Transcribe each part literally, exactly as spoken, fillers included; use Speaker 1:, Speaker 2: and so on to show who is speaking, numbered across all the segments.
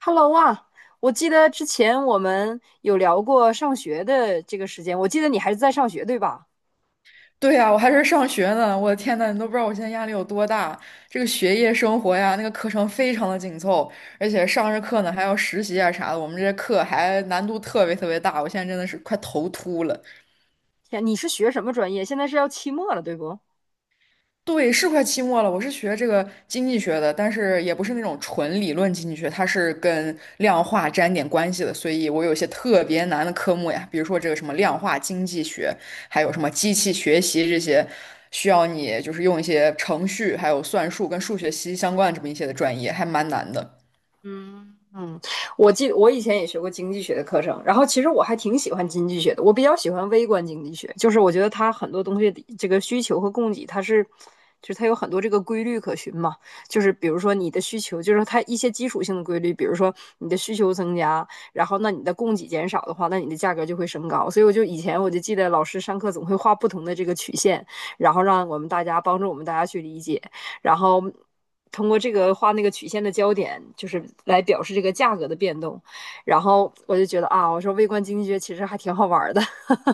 Speaker 1: Hello 啊，我记得之前我们有聊过上学的这个时间，我记得你还是在上学，对吧？
Speaker 2: 对呀，我还是上学呢，我的天呐，你都不知道我现在压力有多大。这个学业生活呀，那个课程非常的紧凑，而且上着课呢还要实习啊啥的，我们这些课还难度特别特别大，我现在真的是快头秃了。
Speaker 1: 天，你是学什么专业？现在是要期末了，对不？
Speaker 2: 对，是快期末了。我是学这个经济学的，但是也不是那种纯理论经济学，它是跟量化沾点关系的，所以我有一些特别难的科目呀，比如说这个什么量化经济学，还有什么机器学习这些，需要你就是用一些程序，还有算术跟数学息息相关的这么一些的专业，还蛮难的。
Speaker 1: 嗯嗯，我记我以前也学过经济学的课程，然后其实我还挺喜欢经济学的，我比较喜欢微观经济学，就是我觉得它很多东西的这个需求和供给，它是，就是它有很多这个规律可循嘛，就是比如说你的需求，就是它一些基础性的规律，比如说你的需求增加，然后那你的供给减少的话，那你的价格就会升高，所以我就以前我就记得老师上课总会画不同的这个曲线，然后让我们大家帮助我们大家去理解。然后通过这个画那个曲线的焦点，就是来表示这个价格的变动。然后我就觉得啊，我说微观经济学其实还挺好玩的。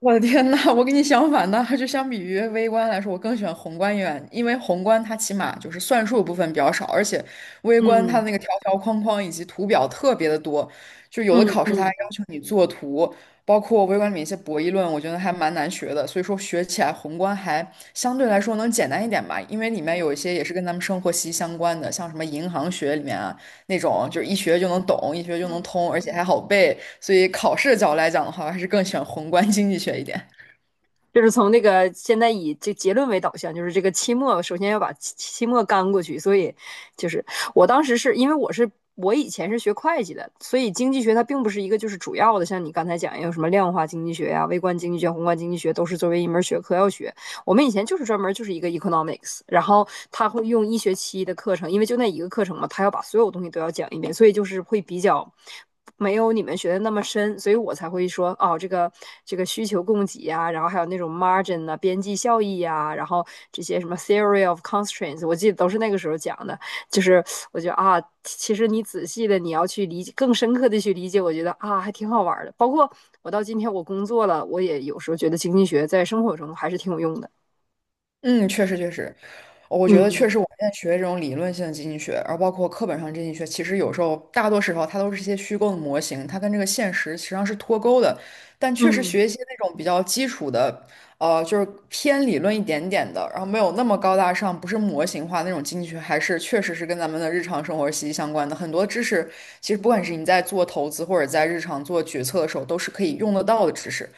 Speaker 2: 我的天呐，我跟你相反呢，就相比于微观来说，我更喜欢宏观一点，因为宏观它起码就是算术部分比较少，而且微观它的
Speaker 1: 嗯
Speaker 2: 那个条条框框以及图表特别的多，就有的
Speaker 1: 嗯
Speaker 2: 考试它还
Speaker 1: 嗯，
Speaker 2: 要求你作图，包括微观里面一些博弈论，我觉得还蛮难学的，所以说学起来宏观还相对来说能简单一点吧，因为里面有一些也是跟咱们生活息息相关的，像什么银行学里面啊，那种，就是一学就能懂，一学就能通，而且还好背。所以考试的角度来讲的话，我还是更喜欢宏观经济学一点。
Speaker 1: 就是从那个现在以这结论为导向，就是这个期末首先要把期期末干过去。所以就是我当时是因为我是。我以前是学会计的，所以经济学它并不是一个就是主要的，像你刚才讲有什么量化经济学呀、啊微观经济学、宏观经济学都是作为一门学科要学。我们以前就是专门就是一个 economics，然后他会用一学期的课程，因为就那一个课程嘛，他要把所有东西都要讲一遍，所以就是会比较没有你们学的那么深，所以我才会说哦，这个这个需求供给呀、然后还有那种 margin 啊、边际效益呀、然后这些什么 theory of constraints，我记得都是那个时候讲的，就是我觉得啊，其实你仔细的你要去理解，更深刻的去理解，我觉得啊还挺好玩的。包括我到今天我工作了，我也有时候觉得经济学在生活中还是挺有用的。
Speaker 2: 嗯，确实确实，我觉得确
Speaker 1: 嗯
Speaker 2: 实，我们现在学这种理论性的经济学，然后包括课本上的经济学，其实有时候大多时候它都是一些虚构的模型，它跟这个现实实际上是脱钩的。但确实
Speaker 1: 嗯
Speaker 2: 学一些那种比较基础的，呃，就是偏理论一点点的，然后没有那么高大上，不是模型化那种经济学，还是确实是跟咱们的日常生活息息相关的。很多知识其实不管是你在做投资或者在日常做决策的时候，都是可以用得到的知识。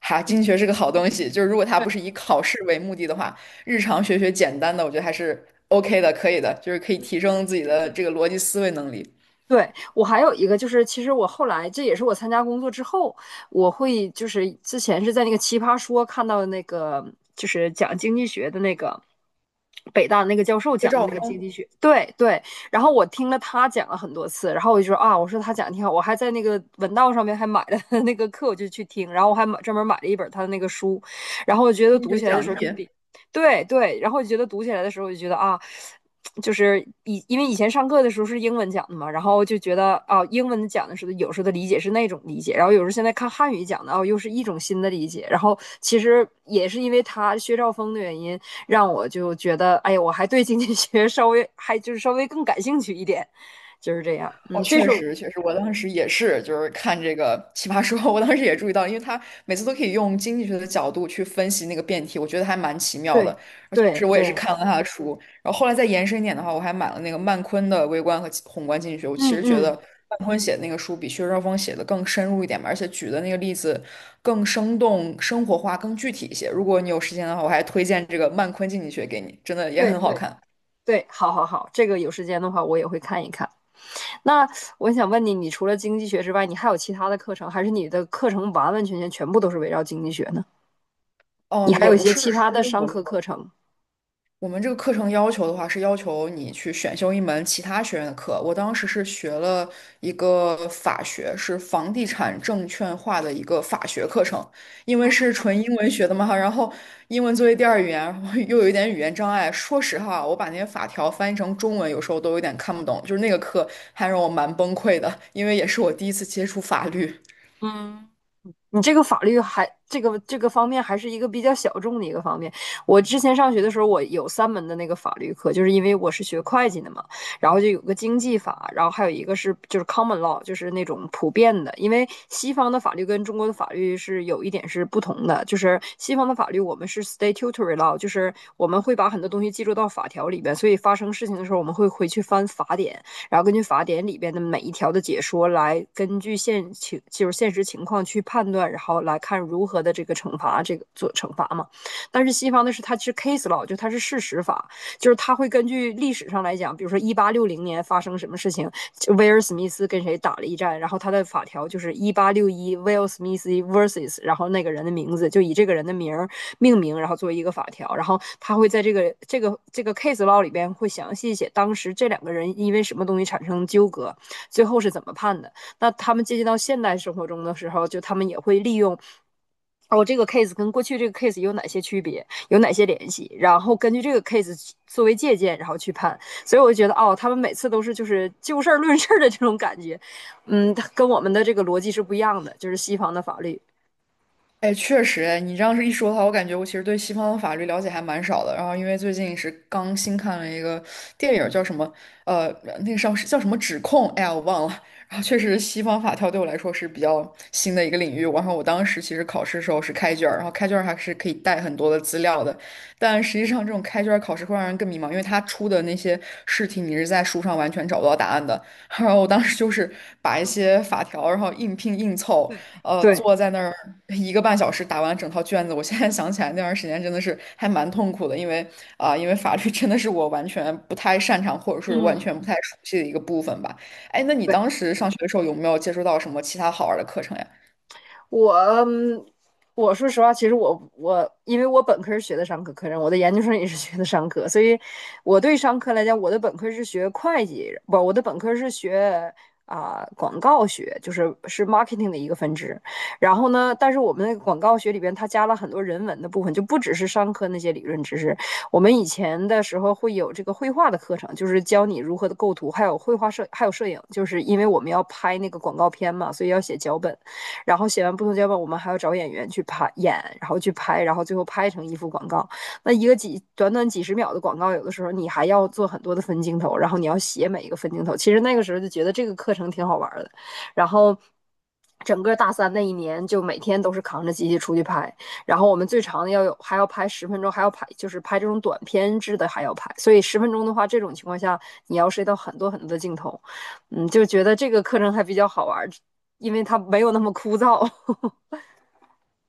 Speaker 2: 哈，
Speaker 1: 嗯，
Speaker 2: 经济学是个好东西，就是如果它不
Speaker 1: 对
Speaker 2: 是以考试为目的的话，日常学学简单的，我觉得还是 OK 的，可以的，就是可以提升自己的这个逻辑思维能力。
Speaker 1: 对，我还有一个就是，其实我后来这也是我参加工作之后，我会就是之前是在那个《奇葩说》看到的那个就是讲经济学的那个北大那个教授
Speaker 2: 就
Speaker 1: 讲的
Speaker 2: 照
Speaker 1: 那个经
Speaker 2: 峰
Speaker 1: 济学，对对，然后我听了他讲了很多次，然后我就说啊，我说他讲的挺好，我还在那个文道上面还买了 他的那个课，我就去听，然后我还买专门买了一本他的那个书，然后我觉得
Speaker 2: 经济
Speaker 1: 读
Speaker 2: 学
Speaker 1: 起来的
Speaker 2: 讲
Speaker 1: 时候就
Speaker 2: 义，
Speaker 1: 比对对，然后我就觉得读起来的时候我就觉得啊，就是以因为以前上课的时候是英文讲的嘛，然后就觉得啊，英文讲的时候有时候的理解是那种理解，然后有时候现在看汉语讲的哦，又是一种新的理解。然后其实也是因为他薛兆丰的原因，让我就觉得哎呀，我还对经济学稍微还就是稍微更感兴趣一点，就是这样。
Speaker 2: 哦，
Speaker 1: 嗯，这
Speaker 2: 确
Speaker 1: 是我
Speaker 2: 实，确实，我当时也是，就是看这个《奇葩说》，我当时也注意到了，因为他每次都可以用经济学的角度去分析那个辩题，我觉得还蛮奇妙
Speaker 1: 对
Speaker 2: 的。而确
Speaker 1: 对
Speaker 2: 实，我也是
Speaker 1: 对，
Speaker 2: 看了他的书，然后后来再延伸一点的话，我还买了那个曼昆的微观和宏观经济学。我其
Speaker 1: 嗯
Speaker 2: 实觉得
Speaker 1: 嗯，
Speaker 2: 曼昆写的那个书比薛兆丰写的更深入一点吧，而且举的那个例子更生动、生活化、更具体一些。如果你有时间的话，我还推荐这个曼昆经济学给你，真的也
Speaker 1: 对
Speaker 2: 很好
Speaker 1: 对
Speaker 2: 看。
Speaker 1: 对，好好好，这个有时间的话我也会看一看。那我想问你，你除了经济学之外，你还有其他的课程，还是你的课程完完全全全部都是围绕经济学呢？你
Speaker 2: 嗯，
Speaker 1: 还
Speaker 2: 也
Speaker 1: 有一
Speaker 2: 不
Speaker 1: 些
Speaker 2: 是。
Speaker 1: 其他的商
Speaker 2: 我们
Speaker 1: 科课程？
Speaker 2: 我们这个课程要求的话，是要求你去选修一门其他学院的课。我当时是学了一个法学，是房地产证券化的一个法学课程，因为是
Speaker 1: 嗯
Speaker 2: 纯英文学的嘛，然后英文作为第二语言，然后又有一点语言障碍。说实话，我把那些法条翻译成中文，有时候都有点看不懂。就是那个课还让我蛮崩溃的，因为也是我第一次接触法律。
Speaker 1: 你这个法律还这个这个方面还是一个比较小众的一个方面。我之前上学的时候，我有三门的那个法律课，就是因为我是学会计的嘛，然后就有个经济法，然后还有一个是就是 common law，就是那种普遍的。因为西方的法律跟中国的法律是有一点是不同的，就是西方的法律我们是 statutory law，就是我们会把很多东西记录到法条里边，所以发生事情的时候我们会回去翻法典。然后根据法典里边的每一条的解说来，根据现情就是现实情况去判断，然后来看如何的这个惩罚这个做惩罚嘛。但是西方的是它是 case law，就它是事实法，就是它会根据历史上来讲，比如说一八六零年发生什么事情，威尔史密斯跟谁打了一战，然后他的法条就是一八六一威尔·史密斯 versus，然后那个人的名字就以这个人的名命名，然后作为一个法条，然后他会在这个这个这个 case law 里边会详细写当时这两个人因为什么东西产生纠葛，最后是怎么判的。那他们接近到现代生活中的时候，就他们也会利用。哦，这个 case 跟过去这个 case 有哪些区别，有哪些联系？然后根据这个 case 作为借鉴，然后去判。所以我就觉得哦，他们每次都是就是就事儿论事儿的这种感觉，嗯，跟我们的这个逻辑是不一样的，就是西方的法律。
Speaker 2: 哎，确实，哎，你这样是一说的话，我感觉我其实对西方的法律了解还蛮少的。然后，因为最近是刚新看了一个电影儿叫什么，呃，那个上是叫什么指控，哎呀，我忘了。然后，确实西方法条对我来说是比较新的一个领域。然后，我当时其实考试的时候是开卷儿然后开卷儿还是可以带很多的资料的。但实际上，这种开卷儿考试会让人更迷茫，因为他出的那些试题你是在书上完全找不到答案的。然后，我当时就是把一些法条，然后硬拼硬凑。呃，
Speaker 1: 对，
Speaker 2: 坐在那儿一个半小时打完整套卷子。我现在想起来那段时间真的是还蛮痛苦的，因为啊、因为法律真的是我完全不太擅长，或者是完
Speaker 1: 嗯，
Speaker 2: 全不太熟悉的一个部分吧。哎，那你
Speaker 1: 对，
Speaker 2: 当时上学的时候有没有接触到什么其他好玩的课程呀？
Speaker 1: 我嗯我说实话，其实我我因为我本科是学的商科课程，我的研究生也是学的商科，所以我对商科来讲，我的本科是学会计，不，我的本科是学啊、广告学，就是是 marketing 的一个分支。然后呢，但是我们那个广告学里边，它加了很多人文的部分，就不只是商科那些理论知识。我们以前的时候会有这个绘画的课程，就是教你如何的构图，还有绘画摄，还有摄影，就是因为我们要拍那个广告片嘛，所以要写脚本。然后写完不同脚本，我们还要找演员去拍演，然后去拍，然后最后拍成一幅广告。那一个几短短几十秒的广告，有的时候你还要做很多的分镜头，然后你要写每一个分镜头。其实那个时候就觉得这个课程挺好玩的，然后。整个大三那一年，就每天都是扛着机器出去拍，然后我们最长的要有还要拍十分钟，还要拍就是拍这种短片制的还要拍，所以十分钟的话，这种情况下你要涉及到很多很多的镜头，嗯，就觉得这个课程还比较好玩，因为它没有那么枯燥。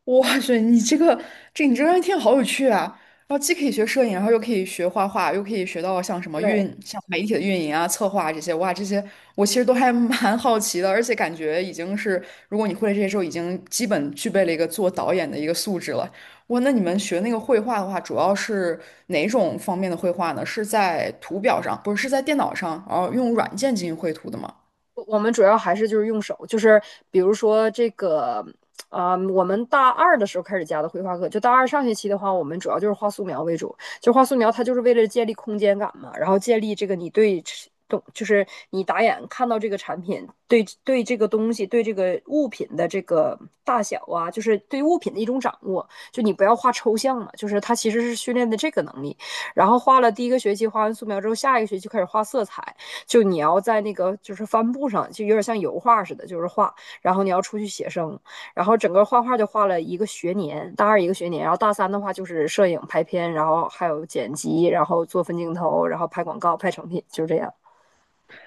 Speaker 2: 哇塞，你这个这你这专业听好有趣啊！然后既可以学摄影，然后又可以学画画，又可以学到像什么运，
Speaker 1: 对，
Speaker 2: 像媒体的运营啊、策划啊这些。哇，这些我其实都还 蛮好奇的，而且感觉已经是，如果你会了这些之后，已经基本具备了一个做导演的一个素质了。哇，那你们学那个绘画的话，主要是哪种方面的绘画呢？是在图表上，不是，是在电脑上，然后用软件进行绘图的吗？
Speaker 1: 我我们主要还是就是用手，就是比如说这个，啊、我们大二的时候开始加的绘画课，就大二上学期的话，我们主要就是画素描为主，就画素描它就是为了建立空间感嘛，然后建立这个你对懂，就是你打眼看到这个产品，对对这个东西，对这个物品的这个大小啊，就是对物品的一种掌握，就你不要画抽象嘛，就是它其实是训练的这个能力，然后画了第一个学期，画完素描之后，下一个学期开始画色彩。就你要在那个就是帆布上，就有点像油画似的，就是画，然后你要出去写生，然后整个画画就画了一个学年，大二一个学年，然后大三的话就是摄影、拍片，然后还有剪辑，然后做分镜头，然后拍广告、拍成品，就这样。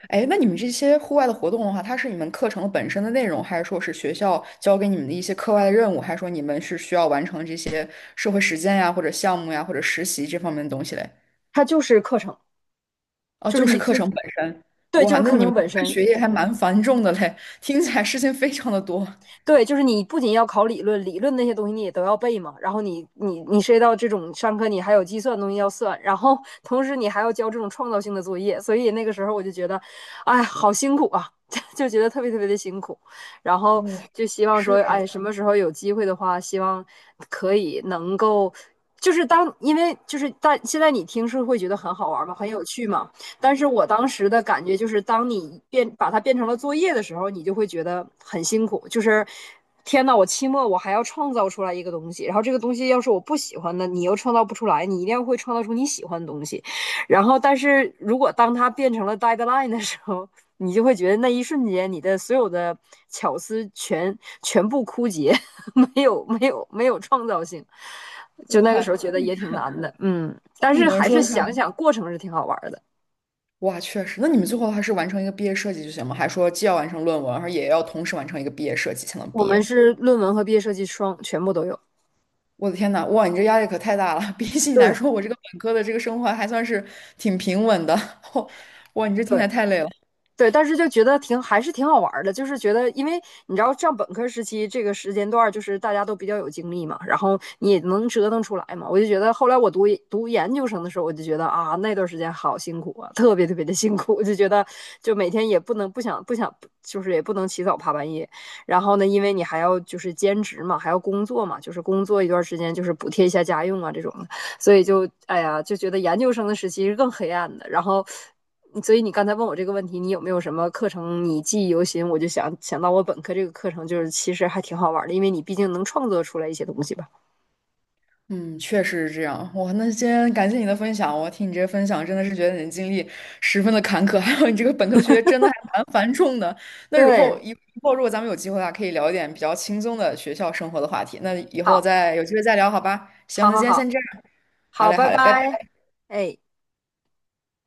Speaker 2: 哎，那你们这些户外的活动的话，它是你们课程本身的内容，还是说是学校教给你们的一些课外的任务，还是说你们是需要完成这些社会实践呀，或者项目呀，或者实习这方面的东西嘞？
Speaker 1: 它就是课程，
Speaker 2: 哦，
Speaker 1: 就是
Speaker 2: 就是
Speaker 1: 你
Speaker 2: 课
Speaker 1: 最
Speaker 2: 程本身。
Speaker 1: 对，就
Speaker 2: 哇，
Speaker 1: 是
Speaker 2: 那
Speaker 1: 课
Speaker 2: 你
Speaker 1: 程
Speaker 2: 们
Speaker 1: 本
Speaker 2: 这个
Speaker 1: 身。
Speaker 2: 学业还蛮繁重的嘞，听起来事情非常的多。
Speaker 1: 对，就是你不仅要考理论，理论那些东西你也都要背嘛。然后你你你涉及到这种上课，你还有计算东西要算，然后同时你还要交这种创造性的作业，所以那个时候我就觉得，哎，好辛苦啊，就觉得特别特别的辛苦。然后
Speaker 2: 哇，
Speaker 1: 就希望
Speaker 2: 是
Speaker 1: 说，
Speaker 2: 啊，
Speaker 1: 哎，什么时候有机会的话，希望可以能够，就是当因为就是大现在你听是会觉得很好玩嘛，很有趣嘛。但是我当时的感觉就是，当你变把它变成了作业的时候，你就会觉得很辛苦，就是。天呐，我期末我还要创造出来一个东西，然后这个东西要是我不喜欢的，你又创造不出来，你一定要会创造出你喜欢的东西。然后，但是如果当它变成了 deadline 的时候，你就会觉得那一瞬间你的所有的巧思全全部枯竭，没有没有没有创造性。就那个时候
Speaker 2: 哇，
Speaker 1: 觉得也挺难的，嗯，但
Speaker 2: 你
Speaker 1: 是
Speaker 2: 们
Speaker 1: 还是
Speaker 2: 说的话，
Speaker 1: 想想过程是挺好玩的。
Speaker 2: 哇，确实。那你们最后还是完成一个毕业设计就行吗？还说既要完成论文，而也要同时完成一个毕业设计才能
Speaker 1: 我
Speaker 2: 毕
Speaker 1: 们
Speaker 2: 业？
Speaker 1: 是论文和毕业设计双全部都有。
Speaker 2: 我的天呐，哇，你这压力可太大了！比起你来
Speaker 1: 对，
Speaker 2: 说，我这个本科的这个生活还算是挺平稳的。哇，哇，你这听起
Speaker 1: 对
Speaker 2: 来太累了。
Speaker 1: 对，但是就觉得挺还是挺好玩儿的，就是觉得，因为你知道上本科时期这个时间段儿，就是大家都比较有精力嘛，然后你也能折腾出来嘛。我就觉得后来我读读研究生的时候，我就觉得啊，那段时间好辛苦啊，特别特别的辛苦，我就觉得就每天也不能不想不想，就是也不能起早爬半夜。然后呢，因为你还要就是兼职嘛，还要工作嘛，就是工作一段时间就是补贴一下家用啊这种的。所以就哎呀，就觉得研究生的时期是更黑暗的。然后，所以你刚才问我这个问题，你有没有什么课程你记忆犹新？我就想想到我本科这个课程，就是其实还挺好玩的，因为你毕竟能创作出来一些东西吧。
Speaker 2: 嗯，确实是这样。哇，那今天感谢你的分享，我听你这些分享，真的是觉得你的经历十分的坎坷，还有你这个本科的学业真的还蛮繁重的。那以后
Speaker 1: 对，
Speaker 2: 以后如果咱们有机会的话，可以聊一点比较轻松的学校生活的话题。那以后
Speaker 1: 好，
Speaker 2: 再有机会再聊，好吧？行，
Speaker 1: 好，
Speaker 2: 那
Speaker 1: 好，
Speaker 2: 今天
Speaker 1: 好，
Speaker 2: 先这样。好
Speaker 1: 好，
Speaker 2: 嘞，
Speaker 1: 拜
Speaker 2: 好嘞，拜拜。
Speaker 1: 拜，哎。